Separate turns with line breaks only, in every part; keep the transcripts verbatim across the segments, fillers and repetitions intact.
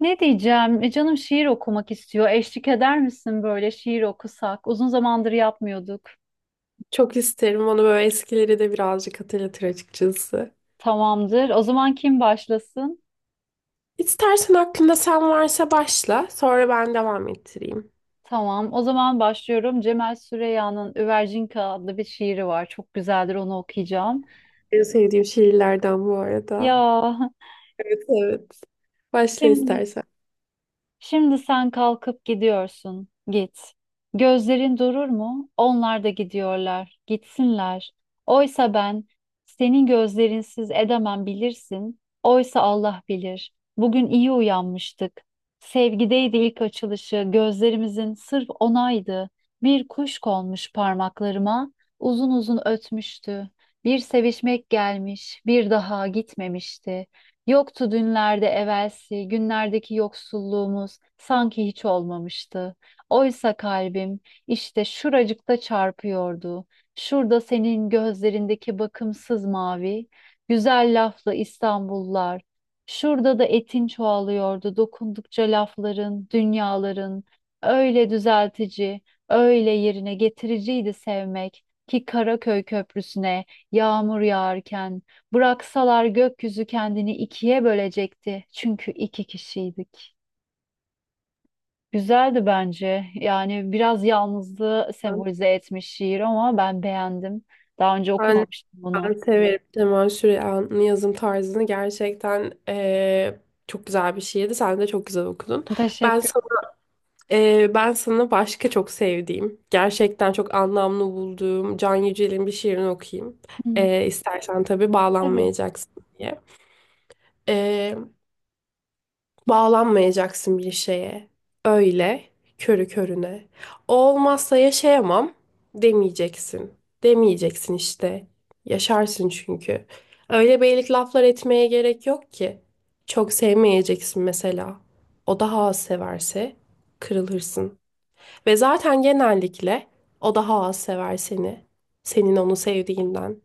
Ne diyeceğim? E, canım şiir okumak istiyor. Eşlik eder misin böyle şiir okusak? Uzun zamandır yapmıyorduk.
Çok isterim onu, böyle eskileri de birazcık hatırlatır açıkçası.
Tamamdır. O zaman kim başlasın?
İstersen aklında sen varsa başla, sonra ben devam ettireyim.
Tamam. O zaman başlıyorum. Cemal Süreyya'nın Üvercinka adlı bir şiiri var. Çok güzeldir. Onu okuyacağım.
En sevdiğim şiirlerden bu arada.
Ya
Evet, evet. Başla
şimdi
istersen.
Şimdi sen kalkıp gidiyorsun. Git. Gözlerin durur mu? Onlar da gidiyorlar. Gitsinler. Oysa ben senin gözlerinsiz edemem bilirsin. Oysa Allah bilir. Bugün iyi uyanmıştık. Sevgideydi ilk açılışı. Gözlerimizin sırf onaydı. Bir kuş konmuş parmaklarıma. Uzun uzun ötmüştü. Bir sevişmek gelmiş, bir daha gitmemişti. Yoktu dünlerde evvelsi, günlerdeki yoksulluğumuz sanki hiç olmamıştı. Oysa kalbim işte şuracıkta çarpıyordu. Şurada senin gözlerindeki bakımsız mavi, güzel laflı İstanbullar. Şurada da etin çoğalıyordu dokundukça lafların, dünyaların. Öyle düzeltici, öyle yerine getiriciydi sevmek ki Karaköy Köprüsü'ne yağmur yağarken bıraksalar gökyüzü kendini ikiye bölecekti. Çünkü iki kişiydik. Güzeldi bence. Yani biraz yalnızlığı sembolize etmiş şiir ama ben beğendim. Daha önce
Ben,
okumamıştım bunu.
ben severim Cemal Süreyya'nın yazım tarzını. Gerçekten eee, çok güzel bir şiirdi. Sen de çok güzel okudun. Ben
Teşekkür.
sana Ee, ben sana başka çok sevdiğim, gerçekten çok anlamlı bulduğum Can Yücel'in bir şiirini okuyayım.
Hı,
Ee, istersen tabii,
tabii.
bağlanmayacaksın diye. Ee, Bağlanmayacaksın bir şeye. Öyle, körü körüne. O olmazsa yaşayamam demeyeceksin. Demeyeceksin işte. Yaşarsın çünkü. Öyle beylik laflar etmeye gerek yok ki. Çok sevmeyeceksin mesela. O daha az severse kırılırsın. Ve zaten genellikle o daha az sever seni. Senin onu sevdiğinden.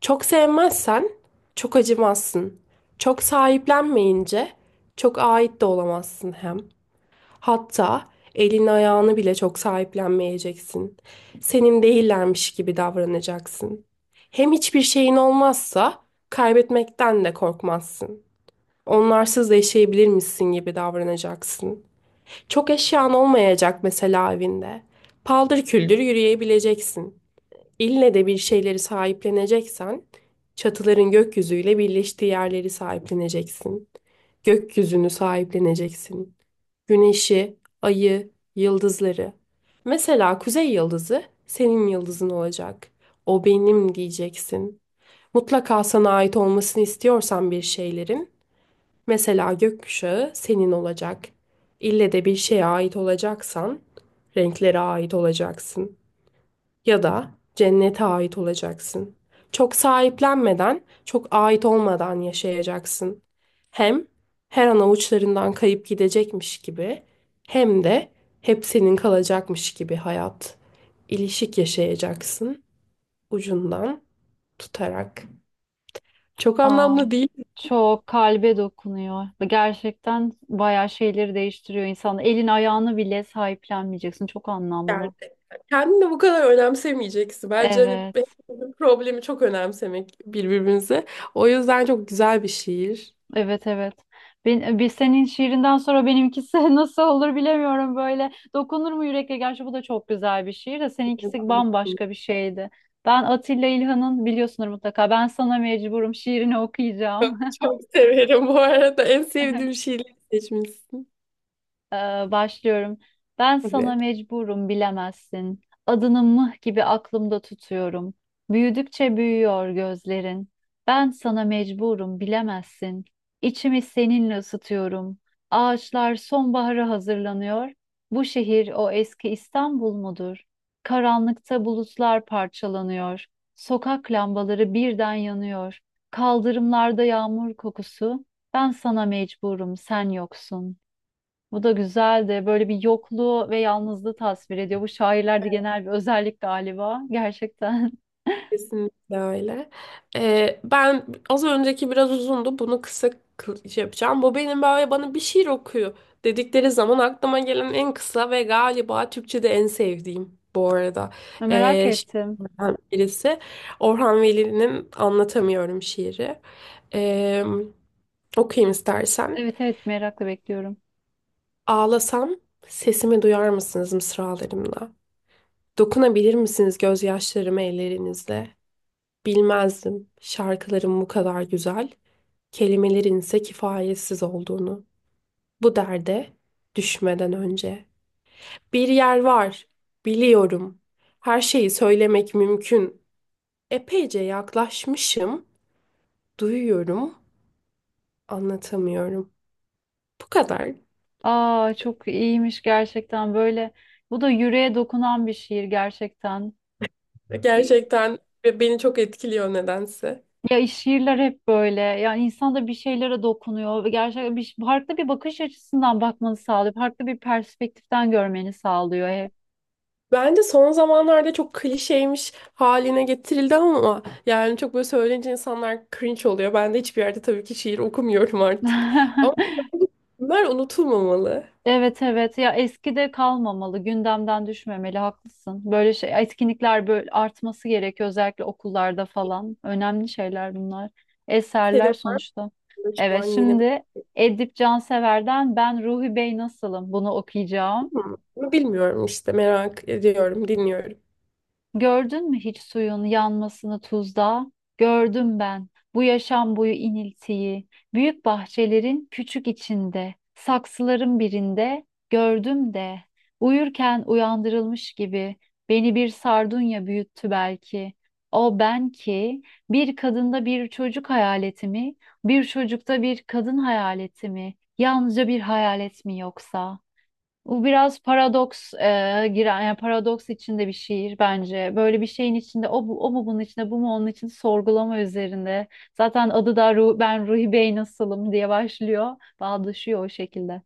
Çok sevmezsen çok acımazsın. Çok sahiplenmeyince çok ait de olamazsın hem. Hatta elini ayağını bile çok sahiplenmeyeceksin. Senin değillermiş gibi davranacaksın. Hem hiçbir şeyin olmazsa kaybetmekten de korkmazsın. Onlarsız yaşayabilir misin gibi davranacaksın. Çok eşyan olmayacak mesela evinde. Paldır küldür yürüyebileceksin. İlle de bir şeyleri sahipleneceksen, çatıların gökyüzüyle birleştiği yerleri sahipleneceksin. Gökyüzünü sahipleneceksin. Güneşi, ayı, yıldızları. Mesela kuzey yıldızı senin yıldızın olacak. O benim diyeceksin. Mutlaka sana ait olmasını istiyorsan bir şeylerin, mesela gökkuşağı senin olacak. İlle de bir şeye ait olacaksan renklere ait olacaksın. Ya da cennete ait olacaksın. Çok sahiplenmeden, çok ait olmadan yaşayacaksın. Hem her an avuçlarından kayıp gidecekmiş gibi, hem de hep senin kalacakmış gibi hayat. İlişik yaşayacaksın, ucundan tutarak. Çok
Aa,
anlamlı değil mi
çok kalbe dokunuyor. Gerçekten bayağı şeyleri değiştiriyor insan. Elin ayağını bile sahiplenmeyeceksin. Çok
yani?
anlamlı.
Kendini bu kadar önemsemeyeceksin. Bence hani
Evet.
hepimizin problemi çok önemsemek birbirimize. O yüzden çok güzel bir şiir.
Evet evet. Ben, e, bir senin şiirinden sonra benimkisi nasıl olur bilemiyorum böyle. Dokunur mu yürekle? Gerçi bu da çok güzel bir şiir de seninkisi bambaşka bir şeydi. Ben Atilla İlhan'ın biliyorsunuz mutlaka. Ben sana mecburum şiirini okuyacağım.
Çok, çok severim bu arada. En sevdiğim şiirleri seçmişsin.
Ee, başlıyorum. Ben sana
Tabii.
mecburum bilemezsin. Adını mıh gibi aklımda tutuyorum. Büyüdükçe büyüyor gözlerin. Ben sana mecburum bilemezsin. İçimi seninle ısıtıyorum. Ağaçlar sonbahara hazırlanıyor. Bu şehir o eski İstanbul mudur? Karanlıkta bulutlar parçalanıyor. Sokak lambaları birden yanıyor. Kaldırımlarda yağmur kokusu. Ben sana mecburum, sen yoksun. Bu da güzel de böyle bir yokluğu ve yalnızlığı tasvir ediyor. Bu şairlerde genel bir özellik galiba. Gerçekten.
Kesinlikle öyle. Ee, ben az önceki biraz uzundu. Bunu kısa kı- şey yapacağım. Bu benim, böyle bana bir şiir okuyor dedikleri zaman aklıma gelen en kısa ve galiba Türkçe'de en sevdiğim bu arada.
Merak
Ee,
ettim.
şiirlerden birisi Orhan Veli'nin Anlatamıyorum şiiri. Ee, Okuyayım istersen.
Evet evet, merakla bekliyorum.
Ağlasam sesimi duyar mısınız mısralarımla? Dokunabilir misiniz gözyaşlarıma ellerinizle? Bilmezdim şarkıların bu kadar güzel, kelimelerin ise kifayetsiz olduğunu. Bu derde düşmeden önce. Bir yer var, biliyorum. Her şeyi söylemek mümkün. Epeyce yaklaşmışım, duyuyorum, anlatamıyorum. Bu kadar.
Aa, çok iyiymiş gerçekten böyle. Bu da yüreğe dokunan bir şiir gerçekten.
Gerçekten, ve beni çok etkiliyor nedense.
Ya şiirler hep böyle. Yani insan da bir şeylere dokunuyor ve gerçekten bir, farklı bir bakış açısından bakmanı sağlıyor. Farklı bir perspektiften görmeni sağlıyor hep.
Bence son zamanlarda çok klişeymiş haline getirildi ama yani çok böyle söyleyince insanlar cringe oluyor. Ben de hiçbir yerde tabii ki şiir okumuyorum artık. Ama bunlar unutulmamalı.
Evet evet, ya eskide kalmamalı, gündemden düşmemeli, haklısın. Böyle şey etkinlikler böyle artması gerekiyor özellikle okullarda falan. Önemli şeyler bunlar.
Senin
Eserler
var
sonuçta.
mı şu
Evet,
an yeni bir...
şimdi Edip Cansever'den Ben Ruhi Bey Nasılım, bunu okuyacağım.
Ama bilmiyorum işte, merak ediyorum, dinliyorum.
Gördün mü hiç suyun yanmasını tuzda? Gördüm ben bu yaşam boyu iniltiyi. Büyük bahçelerin küçük içinde, saksıların birinde gördüm de. Uyurken uyandırılmış gibi beni bir sardunya büyüttü belki. O ben ki bir kadında bir çocuk hayaleti mi, bir çocukta bir kadın hayaleti mi, yalnızca bir hayalet mi yoksa? Bu biraz paradoks e, giren, yani paradoks içinde bir şiir bence. Böyle bir şeyin içinde o, bu, o mu bunun içinde bu mu onun için sorgulama üzerinde. Zaten adı da Ru- ben Ruhi Bey nasılım diye başlıyor. Bağdaşıyor o şekilde.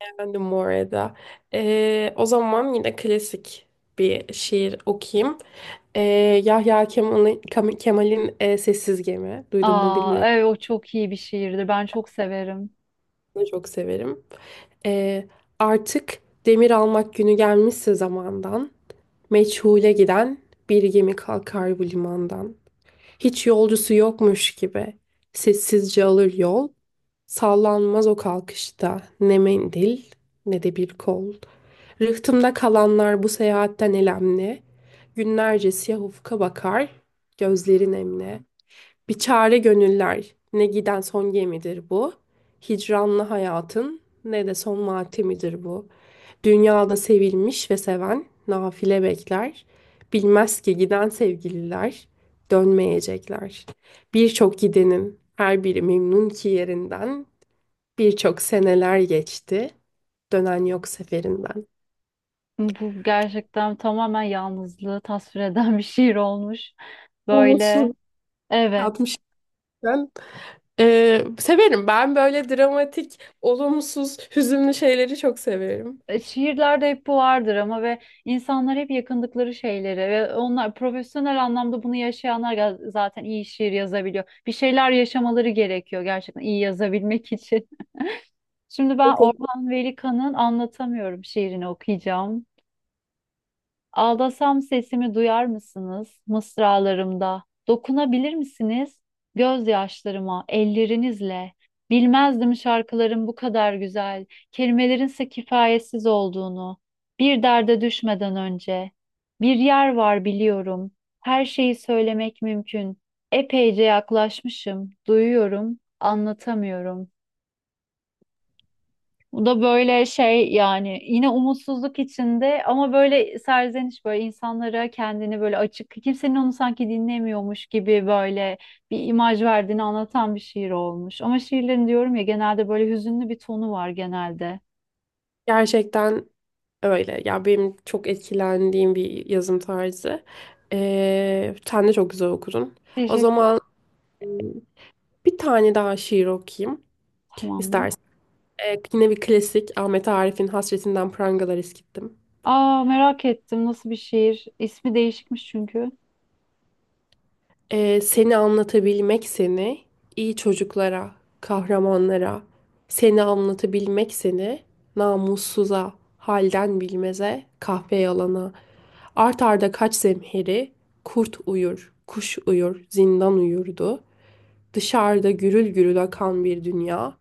Efendim Moreda. Ee, o zaman yine klasik bir şiir okuyayım. Ee, Yahya Kemal'in Kemal'in, e, Sessiz Gemi. Duydun mu
Aa,
bilmiyorum.
evet, o çok iyi bir şiirdir. Ben çok severim.
Bunu çok severim. Ee, Artık demir almak günü gelmişse zamandan, meçhule giden bir gemi kalkar bu limandan. Hiç yolcusu yokmuş gibi sessizce alır yol, sallanmaz o kalkışta ne mendil ne de bir kol. Rıhtımda kalanlar bu seyahatten elemli, günlerce siyah ufka bakar, gözleri nemli. Bir çare gönüller, ne giden son gemidir bu. Hicranlı hayatın, ne de son matemidir bu. Dünyada sevilmiş ve seven, nafile bekler. Bilmez ki giden sevgililer, dönmeyecekler. Birçok gidenin, her biri memnun ki yerinden. Birçok seneler geçti, dönen yok seferinden.
Bu gerçekten tamamen yalnızlığı tasvir eden bir şiir olmuş. Böyle
Olumsuz
evet.
altmıştan. Ee, severim. Ben böyle dramatik, olumsuz, hüzünlü şeyleri çok severim.
E, Şiirlerde hep bu vardır ama ve insanlar hep yakındıkları şeyleri ve onlar profesyonel anlamda bunu yaşayanlar ga- zaten iyi şiir yazabiliyor. Bir şeyler yaşamaları gerekiyor gerçekten iyi yazabilmek için. Şimdi ben
Bakın,
Orhan Veli Kanık'ın Anlatamıyorum şiirini okuyacağım. Ağlasam sesimi duyar mısınız mısralarımda? Dokunabilir misiniz gözyaşlarıma, ellerinizle? Bilmezdim şarkıların bu kadar güzel, kelimelerin ise kifayetsiz olduğunu. Bir derde düşmeden önce. Bir yer var, biliyorum. Her şeyi söylemek mümkün. Epeyce yaklaşmışım, duyuyorum, anlatamıyorum. Bu da böyle şey, yani yine umutsuzluk içinde ama böyle serzeniş, böyle insanlara kendini böyle açık, kimsenin onu sanki dinlemiyormuş gibi böyle bir imaj verdiğini anlatan bir şiir olmuş. Ama şiirlerin diyorum ya, genelde böyle hüzünlü bir tonu var genelde.
gerçekten öyle. Ya benim çok etkilendiğim bir yazım tarzı. Ee, sen de çok güzel okudun. O
Teşekkürler.
zaman, e, bir tane daha şiir okuyayım
Tamam mı?
istersen. Ee, yine bir klasik, Ahmet Arif'in Hasretinden Prangalar Eskittim.
Aa, merak ettim, nasıl bir şiir? İsmi değişikmiş çünkü.
Ee, seni anlatabilmek seni, iyi çocuklara, kahramanlara, seni anlatabilmek seni, namussuza, halden bilmeze, kahpe yalana, art arda kaç zemheri, kurt uyur, kuş uyur, zindan uyurdu, dışarıda gürül gürül akan bir dünya,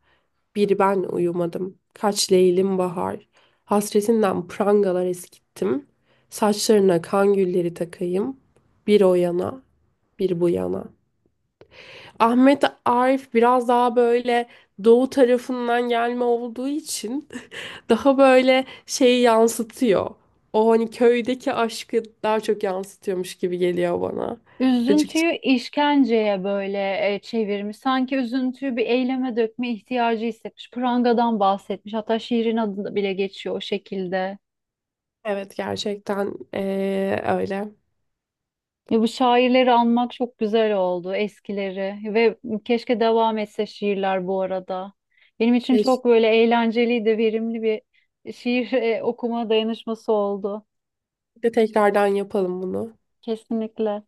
bir ben uyumadım, kaç leylim bahar, hasretinden prangalar eskittim, saçlarına kan gülleri takayım, bir o yana, bir bu yana. Ahmet Arif biraz daha böyle doğu tarafından gelme olduğu için daha böyle şeyi yansıtıyor. O hani köydeki aşkı daha çok yansıtıyormuş gibi geliyor bana. Açıkçası
Üzüntüyü işkenceye böyle e, çevirmiş. Sanki üzüntüyü bir eyleme dökme ihtiyacı hissetmiş. Prangadan bahsetmiş. Hatta şiirin adı da bile geçiyor o şekilde.
evet, gerçekten eee, öyle.
Ya, bu şairleri anmak çok güzel oldu, eskileri ve keşke devam etse şiirler bu arada. Benim için
Keşke
çok böyle eğlenceli de verimli bir şiir e, okuma dayanışması oldu.
tekrardan yapalım bunu.
Kesinlikle.